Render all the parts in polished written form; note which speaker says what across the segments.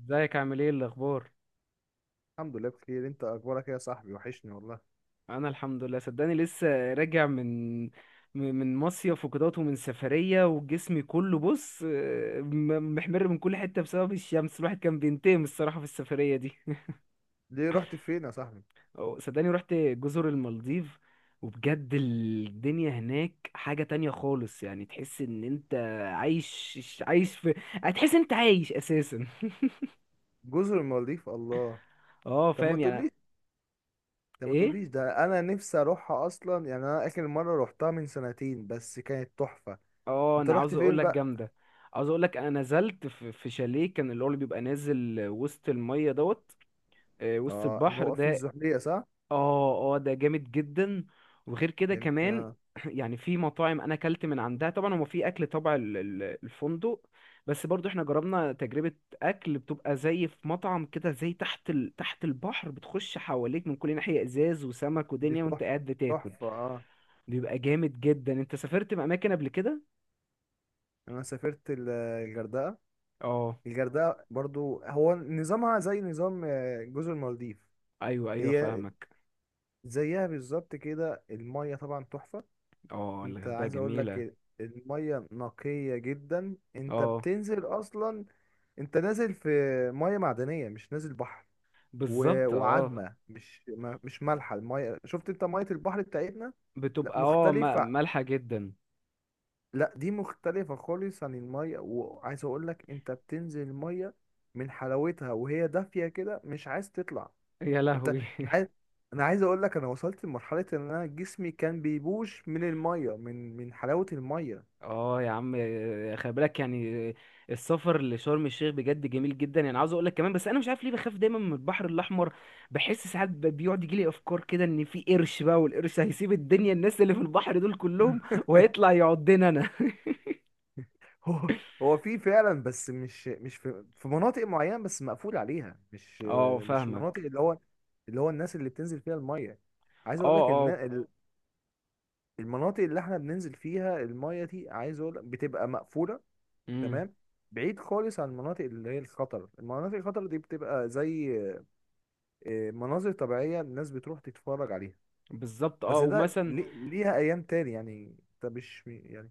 Speaker 1: ازيك عامل ايه الاخبار؟
Speaker 2: الحمد لله بخير، انت اخبارك ايه يا صاحبي؟ وحشني والله.
Speaker 1: انا الحمد لله، صدقني لسه راجع من مصيف وكدهوت ومن سفريه، وجسمي كله بص، محمر من كل حته بسبب الشمس. الواحد كان بينتقم الصراحه في السفريه دي.
Speaker 2: ليه رحت فين يا صاحبي؟
Speaker 1: صدقني رحت جزر المالديف، وبجد الدنيا هناك حاجه تانية خالص. يعني تحس ان انت عايش عايش في هتحس انت عايش اساسا.
Speaker 2: جزر المالديف؟ الله.
Speaker 1: اه،
Speaker 2: طب ما
Speaker 1: فاهم يعني.
Speaker 2: تقوليش ده ما
Speaker 1: ايه؟
Speaker 2: تقوليش ده انا نفسي اروحها اصلا. يعني انا اخر مره روحتها من سنتين بس كانت تحفه.
Speaker 1: اه،
Speaker 2: انت
Speaker 1: انا
Speaker 2: رحت
Speaker 1: عاوز اقول
Speaker 2: فين
Speaker 1: لك
Speaker 2: بقى؟
Speaker 1: جامده. عاوز اقول لك انا نزلت في شاليه، كان اللي هو اللي بيبقى نازل وسط الميه دوت، آه، وسط
Speaker 2: اه، اللي
Speaker 1: البحر
Speaker 2: هو في
Speaker 1: ده.
Speaker 2: الزحليقه، صح؟
Speaker 1: اه اه، ده جامد جدا. وغير كده
Speaker 2: جم...
Speaker 1: كمان،
Speaker 2: آه.
Speaker 1: يعني في مطاعم انا اكلت من عندها. طبعا هو في اكل طبع الفندق، بس برضو احنا جربنا تجربه اكل بتبقى زي في مطعم كده، زي تحت تحت البحر. بتخش حواليك من كل ناحيه ازاز وسمك
Speaker 2: دي
Speaker 1: ودنيا
Speaker 2: تحفه.
Speaker 1: وانت قاعد بتاكل.
Speaker 2: تحفه، اه.
Speaker 1: بيبقى جامد جدا. انت سافرت اماكن قبل كده؟
Speaker 2: انا سافرت الغردقه.
Speaker 1: اه،
Speaker 2: الغردقه برضو هو نظامها زي نظام جزر المالديف.
Speaker 1: ايوه ايوه
Speaker 2: هي
Speaker 1: فاهمك.
Speaker 2: زيها بالظبط كده. المية طبعا تحفة.
Speaker 1: اه،
Speaker 2: انت
Speaker 1: الغردقة
Speaker 2: عايز اقول
Speaker 1: جميلة.
Speaker 2: لك المية نقية جدا. انت
Speaker 1: اه،
Speaker 2: بتنزل اصلا، انت نازل في مية معدنية مش نازل بحر. و...
Speaker 1: بالظبط اه.
Speaker 2: وعدمة مش مالحة المية. شفت انت مية البحر بتاعتنا؟ لا،
Speaker 1: بتبقى
Speaker 2: مختلفة.
Speaker 1: مالحة جدا.
Speaker 2: لا، دي مختلفة خالص عن المية. وعايز اقول لك انت بتنزل المية، من حلاوتها وهي دافية كده مش عايز تطلع.
Speaker 1: يا
Speaker 2: انت
Speaker 1: لهوي.
Speaker 2: انا عايز انا عايز اقول لك انا وصلت لمرحلة ان انا جسمي كان بيبوش من المية، من حلاوة المية.
Speaker 1: اه يا عم، خلي بالك يعني. السفر لشرم الشيخ بجد جميل جدا، يعني عاوز اقول لك كمان، بس انا مش عارف ليه بخاف دايما من البحر الاحمر. بحس ساعات بيقعد يجي لي افكار كده، ان في قرش بقى، والقرش هيسيب الدنيا، الناس اللي في البحر دول كلهم، وهيطلع يعضنا انا.
Speaker 2: هو هو في فعلا بس مش في مناطق معينة بس مقفول عليها. مش
Speaker 1: اه،
Speaker 2: مش مناطق
Speaker 1: فاهمك.
Speaker 2: اللي هو الناس اللي بتنزل فيها المية، عايز
Speaker 1: اه
Speaker 2: اقول لك ان
Speaker 1: اه.
Speaker 2: المناطق اللي احنا بننزل فيها المية دي، عايز اقول لك بتبقى مقفولة
Speaker 1: امم.
Speaker 2: تمام. بعيد خالص عن المناطق اللي هي الخطر. المناطق الخطر دي بتبقى زي مناظر طبيعية، الناس بتروح تتفرج عليها.
Speaker 1: بالظبط اه،
Speaker 2: بس ده
Speaker 1: ومثلا.
Speaker 2: ليها ايام تاني. يعني انت مش، يعني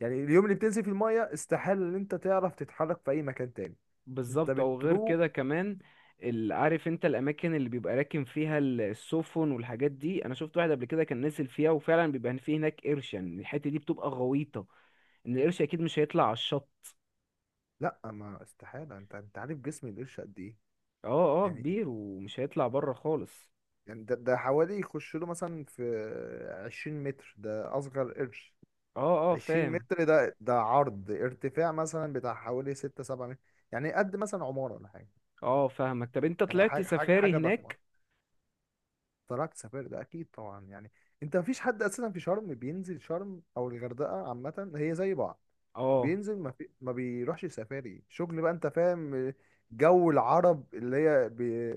Speaker 2: يعني اليوم اللي بتنزل في المية استحالة ان انت تعرف تتحرك في اي مكان تاني. انت
Speaker 1: بالظبط، او غير كده
Speaker 2: بتروق.
Speaker 1: كمان. عارف انت الاماكن اللي بيبقى راكن فيها السفن والحاجات دي؟ انا شفت واحد قبل كده كان نزل فيها، وفعلا بيبقى فيه هناك قرش. يعني الحته دي بتبقى غويطه، ان القرش اكيد مش هيطلع على الشط.
Speaker 2: لا، ما استحاله، انت عارف جسم القرش قد ايه؟
Speaker 1: اه اه،
Speaker 2: يعني
Speaker 1: كبير ومش هيطلع بره خالص.
Speaker 2: يعني ده حوالي يخش له مثلا في 20 متر، ده اصغر قرش.
Speaker 1: اه اه،
Speaker 2: 20
Speaker 1: فاهم.
Speaker 2: متر، ده عرض ارتفاع مثلا بتاع حوالي 6 7 متر. يعني قد مثلا عماره ولا حاجه.
Speaker 1: اه، فاهمك. طب انت
Speaker 2: يعني
Speaker 1: طلعت
Speaker 2: حاجه حاجه
Speaker 1: سفاري
Speaker 2: حاجة ضخمه.
Speaker 1: هناك؟
Speaker 2: تركت سفاري ده اكيد طبعا، يعني انت مفيش حد اساسا في شرم بينزل شرم او الغردقه، عامه هي زي بعض.
Speaker 1: اه،
Speaker 2: بينزل، ما بيروحش سفاري، شغل بقى انت فاهم. جو العرب اللي هي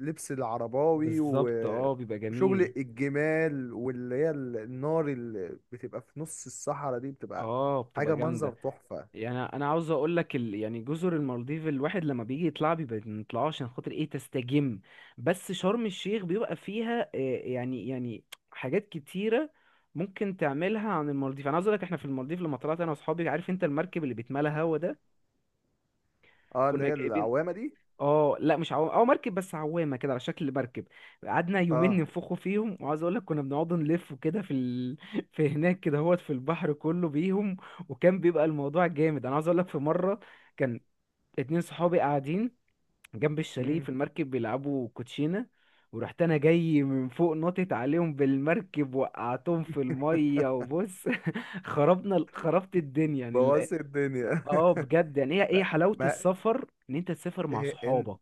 Speaker 2: لبس العرباوي، و...
Speaker 1: بالظبط اه، بيبقى
Speaker 2: وشغل
Speaker 1: جميل.
Speaker 2: الجمال، واللي هي النار اللي بتبقى في نص الصحراء دي بتبقى
Speaker 1: اه، بتبقى
Speaker 2: حاجه، منظر
Speaker 1: جامده.
Speaker 2: تحفه.
Speaker 1: يعني انا عاوز اقول لك يعني جزر المالديف الواحد لما بيجي يطلع بيبقى ما بيطلعوش، عشان خاطر ايه؟ تستجم. بس شرم الشيخ بيبقى فيها، يعني حاجات كتيره ممكن تعملها عن المالديف. انا عاوز اقول لك، احنا في المالديف لما طلعت انا واصحابي، عارف انت المركب اللي بيتملى هوا ده؟
Speaker 2: اه، اللي
Speaker 1: كنا
Speaker 2: هي
Speaker 1: جايبين،
Speaker 2: العوامه دي.
Speaker 1: اه لا، مش عوام، اه مركب بس عوامه كده على شكل مركب. قعدنا يومين
Speaker 2: اه.
Speaker 1: ننفخوا فيهم، وعاوز اقول لك كنا بنقعد نلف كده في في هناك كده هوت في البحر كله بيهم. وكان بيبقى الموضوع جامد. انا عاوز اقول لك في مره كان اتنين صحابي قاعدين جنب الشاليه
Speaker 2: امم
Speaker 1: في المركب بيلعبوا كوتشينة، ورحت انا جاي من فوق نطت عليهم بالمركب، وقعتهم في المية، وبص. خربت الدنيا، يعني
Speaker 2: بوظت الدنيا.
Speaker 1: اه، بجد. يعني هي ايه
Speaker 2: لا،
Speaker 1: حلاوة
Speaker 2: ما
Speaker 1: السفر؟ ان انت تسافر مع
Speaker 2: إيه- إن-
Speaker 1: صحابك.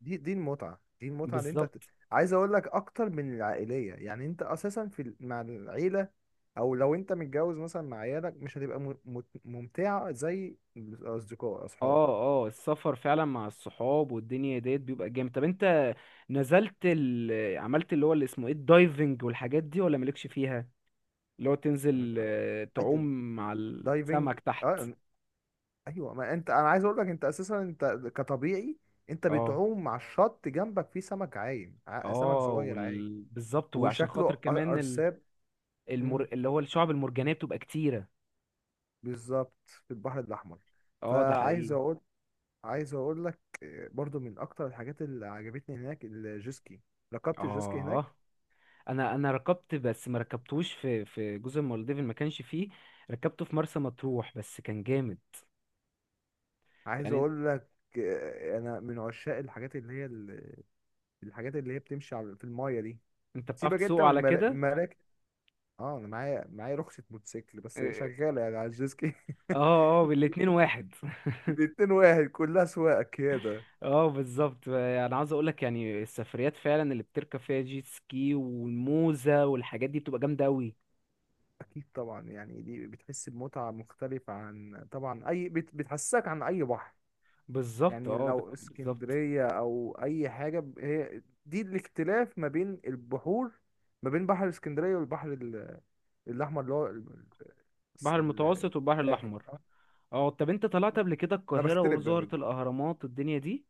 Speaker 2: دي المتعة، دي المتعة اللي انت
Speaker 1: بالظبط
Speaker 2: عايز اقول لك، اكتر من العائلية. يعني انت اساسا مع العيلة، او لو انت متجوز مثلا مع عيالك مش هتبقى ممتعة زي الاصدقاء، اصحاب.
Speaker 1: اه. اه، السفر فعلا مع الصحاب والدنيا ديت بيبقى جامد. طب انت نزلت عملت اللي هو اللي اسمه ايه، الدايفنج والحاجات دي، ولا مالكش فيها؟ اللي هو تنزل، آه،
Speaker 2: أي-
Speaker 1: تعوم مع
Speaker 2: دايفنج،
Speaker 1: السمك تحت.
Speaker 2: اه. ايوه، ما انت، انا عايز اقول لك انت اساسا انت كطبيعي، انت
Speaker 1: اه
Speaker 2: بتعوم مع الشط جنبك فيه سمك عايم، سمك
Speaker 1: اه
Speaker 2: صغير عايم.
Speaker 1: بالظبط، وعشان
Speaker 2: وشكله
Speaker 1: خاطر
Speaker 2: أر-
Speaker 1: كمان
Speaker 2: ارساب مم،
Speaker 1: اللي هو الشعب المرجانية بتبقى كتيرة.
Speaker 2: بالظبط في البحر الاحمر.
Speaker 1: اه، ده
Speaker 2: فعايز
Speaker 1: حقيقي.
Speaker 2: اقول عايز اقول لك برضو من اكتر الحاجات اللي عجبتني هناك الجيسكي. ركبت الجيسكي هناك.
Speaker 1: اه، انا ركبت، بس ما ركبتوش في جزر المالديف، اللي ما كانش فيه. ركبته في مرسى مطروح، بس كان جامد.
Speaker 2: عايز
Speaker 1: يعني انت،
Speaker 2: اقول لك، انا من عشاق الحاجات اللي هي بتمشي في المايه دي.
Speaker 1: بتعرف
Speaker 2: سيبك انت
Speaker 1: تسوقه
Speaker 2: من
Speaker 1: على
Speaker 2: المراكب،
Speaker 1: كده؟
Speaker 2: مراكب، اه. انا معايا رخصة موتوسيكل بس هي
Speaker 1: اه
Speaker 2: شغالة يعني على الجيسكي.
Speaker 1: اه، آه، بالاتنين واحد.
Speaker 2: الاتنين واحد، كلها سواقة كده.
Speaker 1: اه، بالظبط. انا عاوز اقول لك، يعني السفريات فعلا اللي بتركب فيها جيت سكي والموزة والحاجات دي بتبقى جامدة قوي.
Speaker 2: اكيد طبعا. يعني دي بتحس بمتعة مختلفة عن طبعا اي، بتحسسك عن اي بحر.
Speaker 1: بالظبط
Speaker 2: يعني
Speaker 1: اه،
Speaker 2: لو
Speaker 1: بالظبط.
Speaker 2: اسكندرية أو أي حاجة، هي دي الاختلاف ما بين البحور، ما بين بحر اسكندرية والبحر الأحمر اللي هو الس-
Speaker 1: البحر
Speaker 2: ال-
Speaker 1: المتوسط والبحر
Speaker 2: الساحل
Speaker 1: الاحمر.
Speaker 2: أه.
Speaker 1: اه، طب انت طلعت قبل كده
Speaker 2: انا
Speaker 1: القاهره
Speaker 2: بختلف ما بينهم.
Speaker 1: وزهره الاهرامات الدنيا دي؟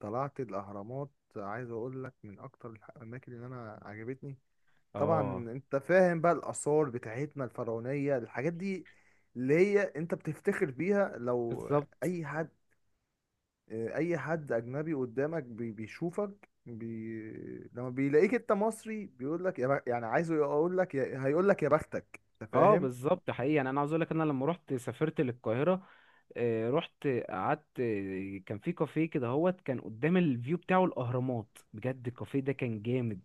Speaker 2: طلعت الاهرامات، عايز اقول لك من اكتر الاماكن اللي انا عجبتني. طبعا
Speaker 1: اه،
Speaker 2: انت فاهم بقى الاثار بتاعتنا الفرعونيه، الحاجات دي اللي هي انت بتفتخر بيها. لو
Speaker 1: بالظبط.
Speaker 2: اي حد، اي حد اجنبي قدامك بيشوفك، لما بيلاقيك انت مصري بيقول لك يعني عايزه يقول لك هيقول لك يا بختك، انت
Speaker 1: اه،
Speaker 2: فاهم؟
Speaker 1: بالظبط حقيقي. انا، عاوز اقول لك، انا لما رحت سافرت للقاهره، آه، رحت قعدت، آه، كان في كافيه كده هوت، كان قدام الفيو بتاعه الاهرامات. بجد الكافيه ده كان جامد،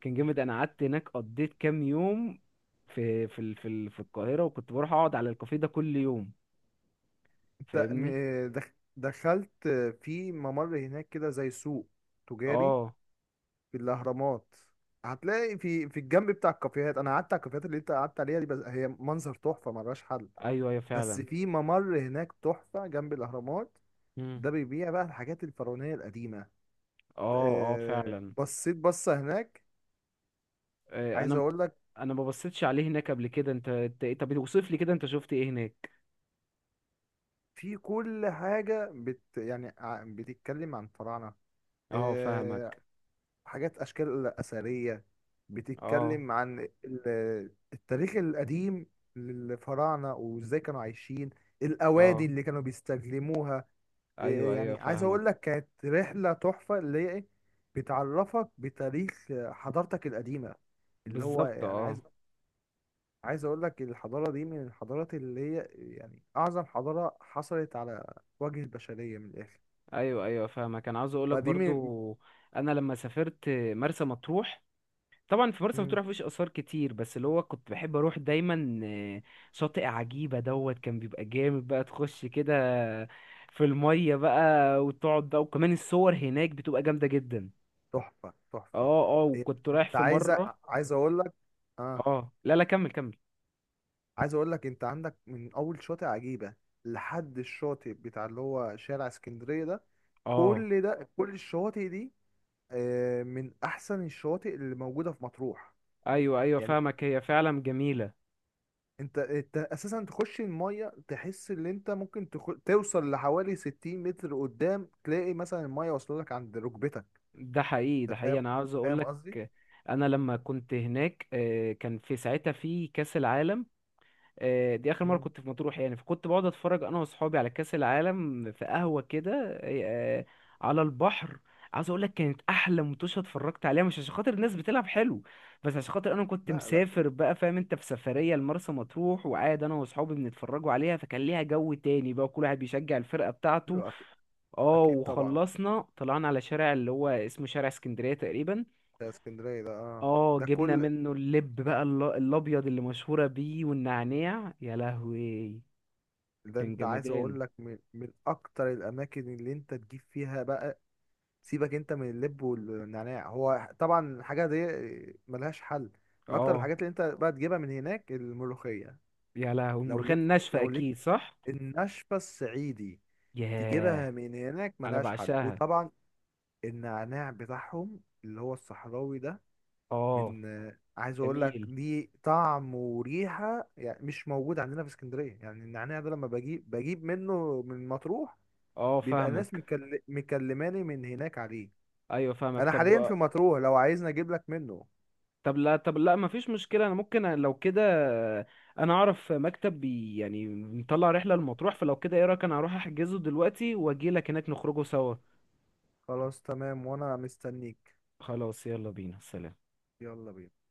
Speaker 1: كان جامد. انا قعدت هناك قضيت كام يوم في في القاهره، وكنت بروح اقعد على الكافيه ده كل يوم.
Speaker 2: انت
Speaker 1: فاهمني.
Speaker 2: دخ... دخلت في ممر هناك كده زي سوق تجاري
Speaker 1: اه،
Speaker 2: في الاهرامات. هتلاقي في الجنب بتاع الكافيهات. انا قعدت على الكافيهات اللي انت قعدت عليها دي، بس هي منظر تحفه ملهاش حل.
Speaker 1: ايوه ايوه
Speaker 2: بس
Speaker 1: فعلا.
Speaker 2: في ممر هناك تحفه جنب الاهرامات،
Speaker 1: مم.
Speaker 2: ده بيبيع بقى الحاجات الفرعونيه القديمه.
Speaker 1: اه اه فعلا.
Speaker 2: بصيت بصه هناك.
Speaker 1: آه، انا
Speaker 2: عايز
Speaker 1: ما-
Speaker 2: اقول لك
Speaker 1: انا ما بصيتش عليه هناك قبل كده. انت طب اوصف لي كده، انت شفت ايه هناك؟
Speaker 2: في كل حاجه بتتكلم عن الفراعنه.
Speaker 1: اه،
Speaker 2: آه،
Speaker 1: فاهمك.
Speaker 2: حاجات، اشكال اثريه
Speaker 1: اه
Speaker 2: بتتكلم عن التاريخ القديم للفراعنه وازاي كانوا عايشين، الاوادي
Speaker 1: اه.
Speaker 2: اللي كانوا بيستخدموها.
Speaker 1: ايوه ايوه
Speaker 2: يعني عايز
Speaker 1: فاهمك.
Speaker 2: اقول لك كانت رحله تحفه. اللي هي إيه؟ بتعرفك بتاريخ حضارتك القديمه. اللي هو
Speaker 1: بالظبط
Speaker 2: يعني
Speaker 1: اه.
Speaker 2: عايز اقول لك الحضاره دي من الحضارات اللي هي، يعني اعظم حضاره حصلت على وجه البشريه، من الاخر.
Speaker 1: ايوه ايوه فاهمك. انا عاوز اقولك
Speaker 2: فدي من.
Speaker 1: برضو، انا لما سافرت مرسى مطروح، طبعا في مرسى
Speaker 2: مم.
Speaker 1: مطروح مفيش اثار كتير، بس اللي هو كنت بحب اروح دايما، آه، شاطئ عجيبه دوت. كان بيبقى جامد بقى، تخش كده في الميه بقى وتقعد بقى، وكمان الصور هناك بتبقى جامده جدا.
Speaker 2: تحفه تحفه.
Speaker 1: اه اه،
Speaker 2: هي،
Speaker 1: وكنت رايح
Speaker 2: انت
Speaker 1: في مره.
Speaker 2: عايز اقول لك، اه.
Speaker 1: اه لا لا، كمل كمل.
Speaker 2: عايز اقول لك انت عندك من اول شاطئ عجيبه لحد الشاطئ بتاع اللي هو شارع اسكندريه ده،
Speaker 1: اه،
Speaker 2: كل ده، كل الشواطئ دي من احسن الشواطئ اللي موجوده في مطروح.
Speaker 1: ايوه ايوه
Speaker 2: يعني
Speaker 1: فاهمك، هي فعلا جميله.
Speaker 2: انت اساسا تخش الميه تحس ان انت ممكن توصل لحوالي 60 متر قدام تلاقي مثلا الميه واصله لك عند ركبتك.
Speaker 1: ده حقيقي، ده
Speaker 2: انت
Speaker 1: حقيقي.
Speaker 2: فاهم؟
Speaker 1: انا عاوز اقول
Speaker 2: فاهم
Speaker 1: لك،
Speaker 2: قصدي؟
Speaker 1: انا لما كنت هناك، آه، كان في ساعتها في كاس العالم، آه، دي اخر مره
Speaker 2: مم.
Speaker 1: كنت في مطروح. يعني فكنت بقعد اتفرج انا واصحابي على كاس العالم في قهوه كده، آه، على البحر. عاوز اقول لك كانت احلى متوشه اتفرجت عليها، مش عشان خاطر الناس بتلعب حلو، بس عشان خاطر انا كنت
Speaker 2: لا، لا،
Speaker 1: مسافر بقى، فاهم انت، في سفريه لمرسى مطروح، وقاعد انا واصحابي بنتفرجوا عليها. فكان ليها جو تاني بقى، كل واحد بيشجع الفرقه بتاعته.
Speaker 2: ايوه اكيد.
Speaker 1: اه،
Speaker 2: أكيد طبعا.
Speaker 1: وخلصنا طلعنا على شارع اللي هو اسمه شارع اسكندريه تقريبا.
Speaker 2: ده اسكندريه ده، اه.
Speaker 1: اه،
Speaker 2: ده
Speaker 1: جبنا
Speaker 2: كل
Speaker 1: منه اللب بقى، الابيض اللي مشهوره بيه، والنعناع. يا لهوي،
Speaker 2: ده،
Speaker 1: كان
Speaker 2: انت عايز
Speaker 1: جمدان.
Speaker 2: اقول لك من اكتر الاماكن اللي انت تجيب فيها بقى. سيبك انت من اللب والنعناع، هو طبعا الحاجه دي ملهاش حل. من اكتر
Speaker 1: اه،
Speaker 2: الحاجات اللي انت بقى تجيبها من هناك الملوخيه،
Speaker 1: يا لهوي
Speaker 2: لو
Speaker 1: المرخان
Speaker 2: ليك
Speaker 1: ناشفة
Speaker 2: لو ليك
Speaker 1: اكيد، صح؟
Speaker 2: النشفة الصعيدي
Speaker 1: ياه،
Speaker 2: تجيبها من هناك
Speaker 1: انا
Speaker 2: ملهاش حل.
Speaker 1: بعشاها.
Speaker 2: وطبعا النعناع بتاعهم اللي هو الصحراوي ده،
Speaker 1: اه،
Speaker 2: من آه، عايز اقول لك
Speaker 1: جميل.
Speaker 2: ليه طعم وريحة يعني مش موجود عندنا في اسكندرية. يعني النعناع ده لما بجيب منه من مطروح،
Speaker 1: اه،
Speaker 2: بيبقى ناس
Speaker 1: فاهمك.
Speaker 2: مكلماني من هناك عليه.
Speaker 1: ايوه فاهمك.
Speaker 2: انا حاليا
Speaker 1: طب،
Speaker 2: في مطروح، لو عايزني اجيب لك منه.
Speaker 1: طب لا مفيش مشكلة، انا ممكن لو كده. انا اعرف مكتب بي يعني مطلع رحلة لمطروح، فلو كده ايه رأيك، انا اروح احجزه دلوقتي واجيلك هناك نخرجه سوا.
Speaker 2: خلاص تمام، وانا مستنيك.
Speaker 1: خلاص، يلا بينا، سلام.
Speaker 2: يلا بينا.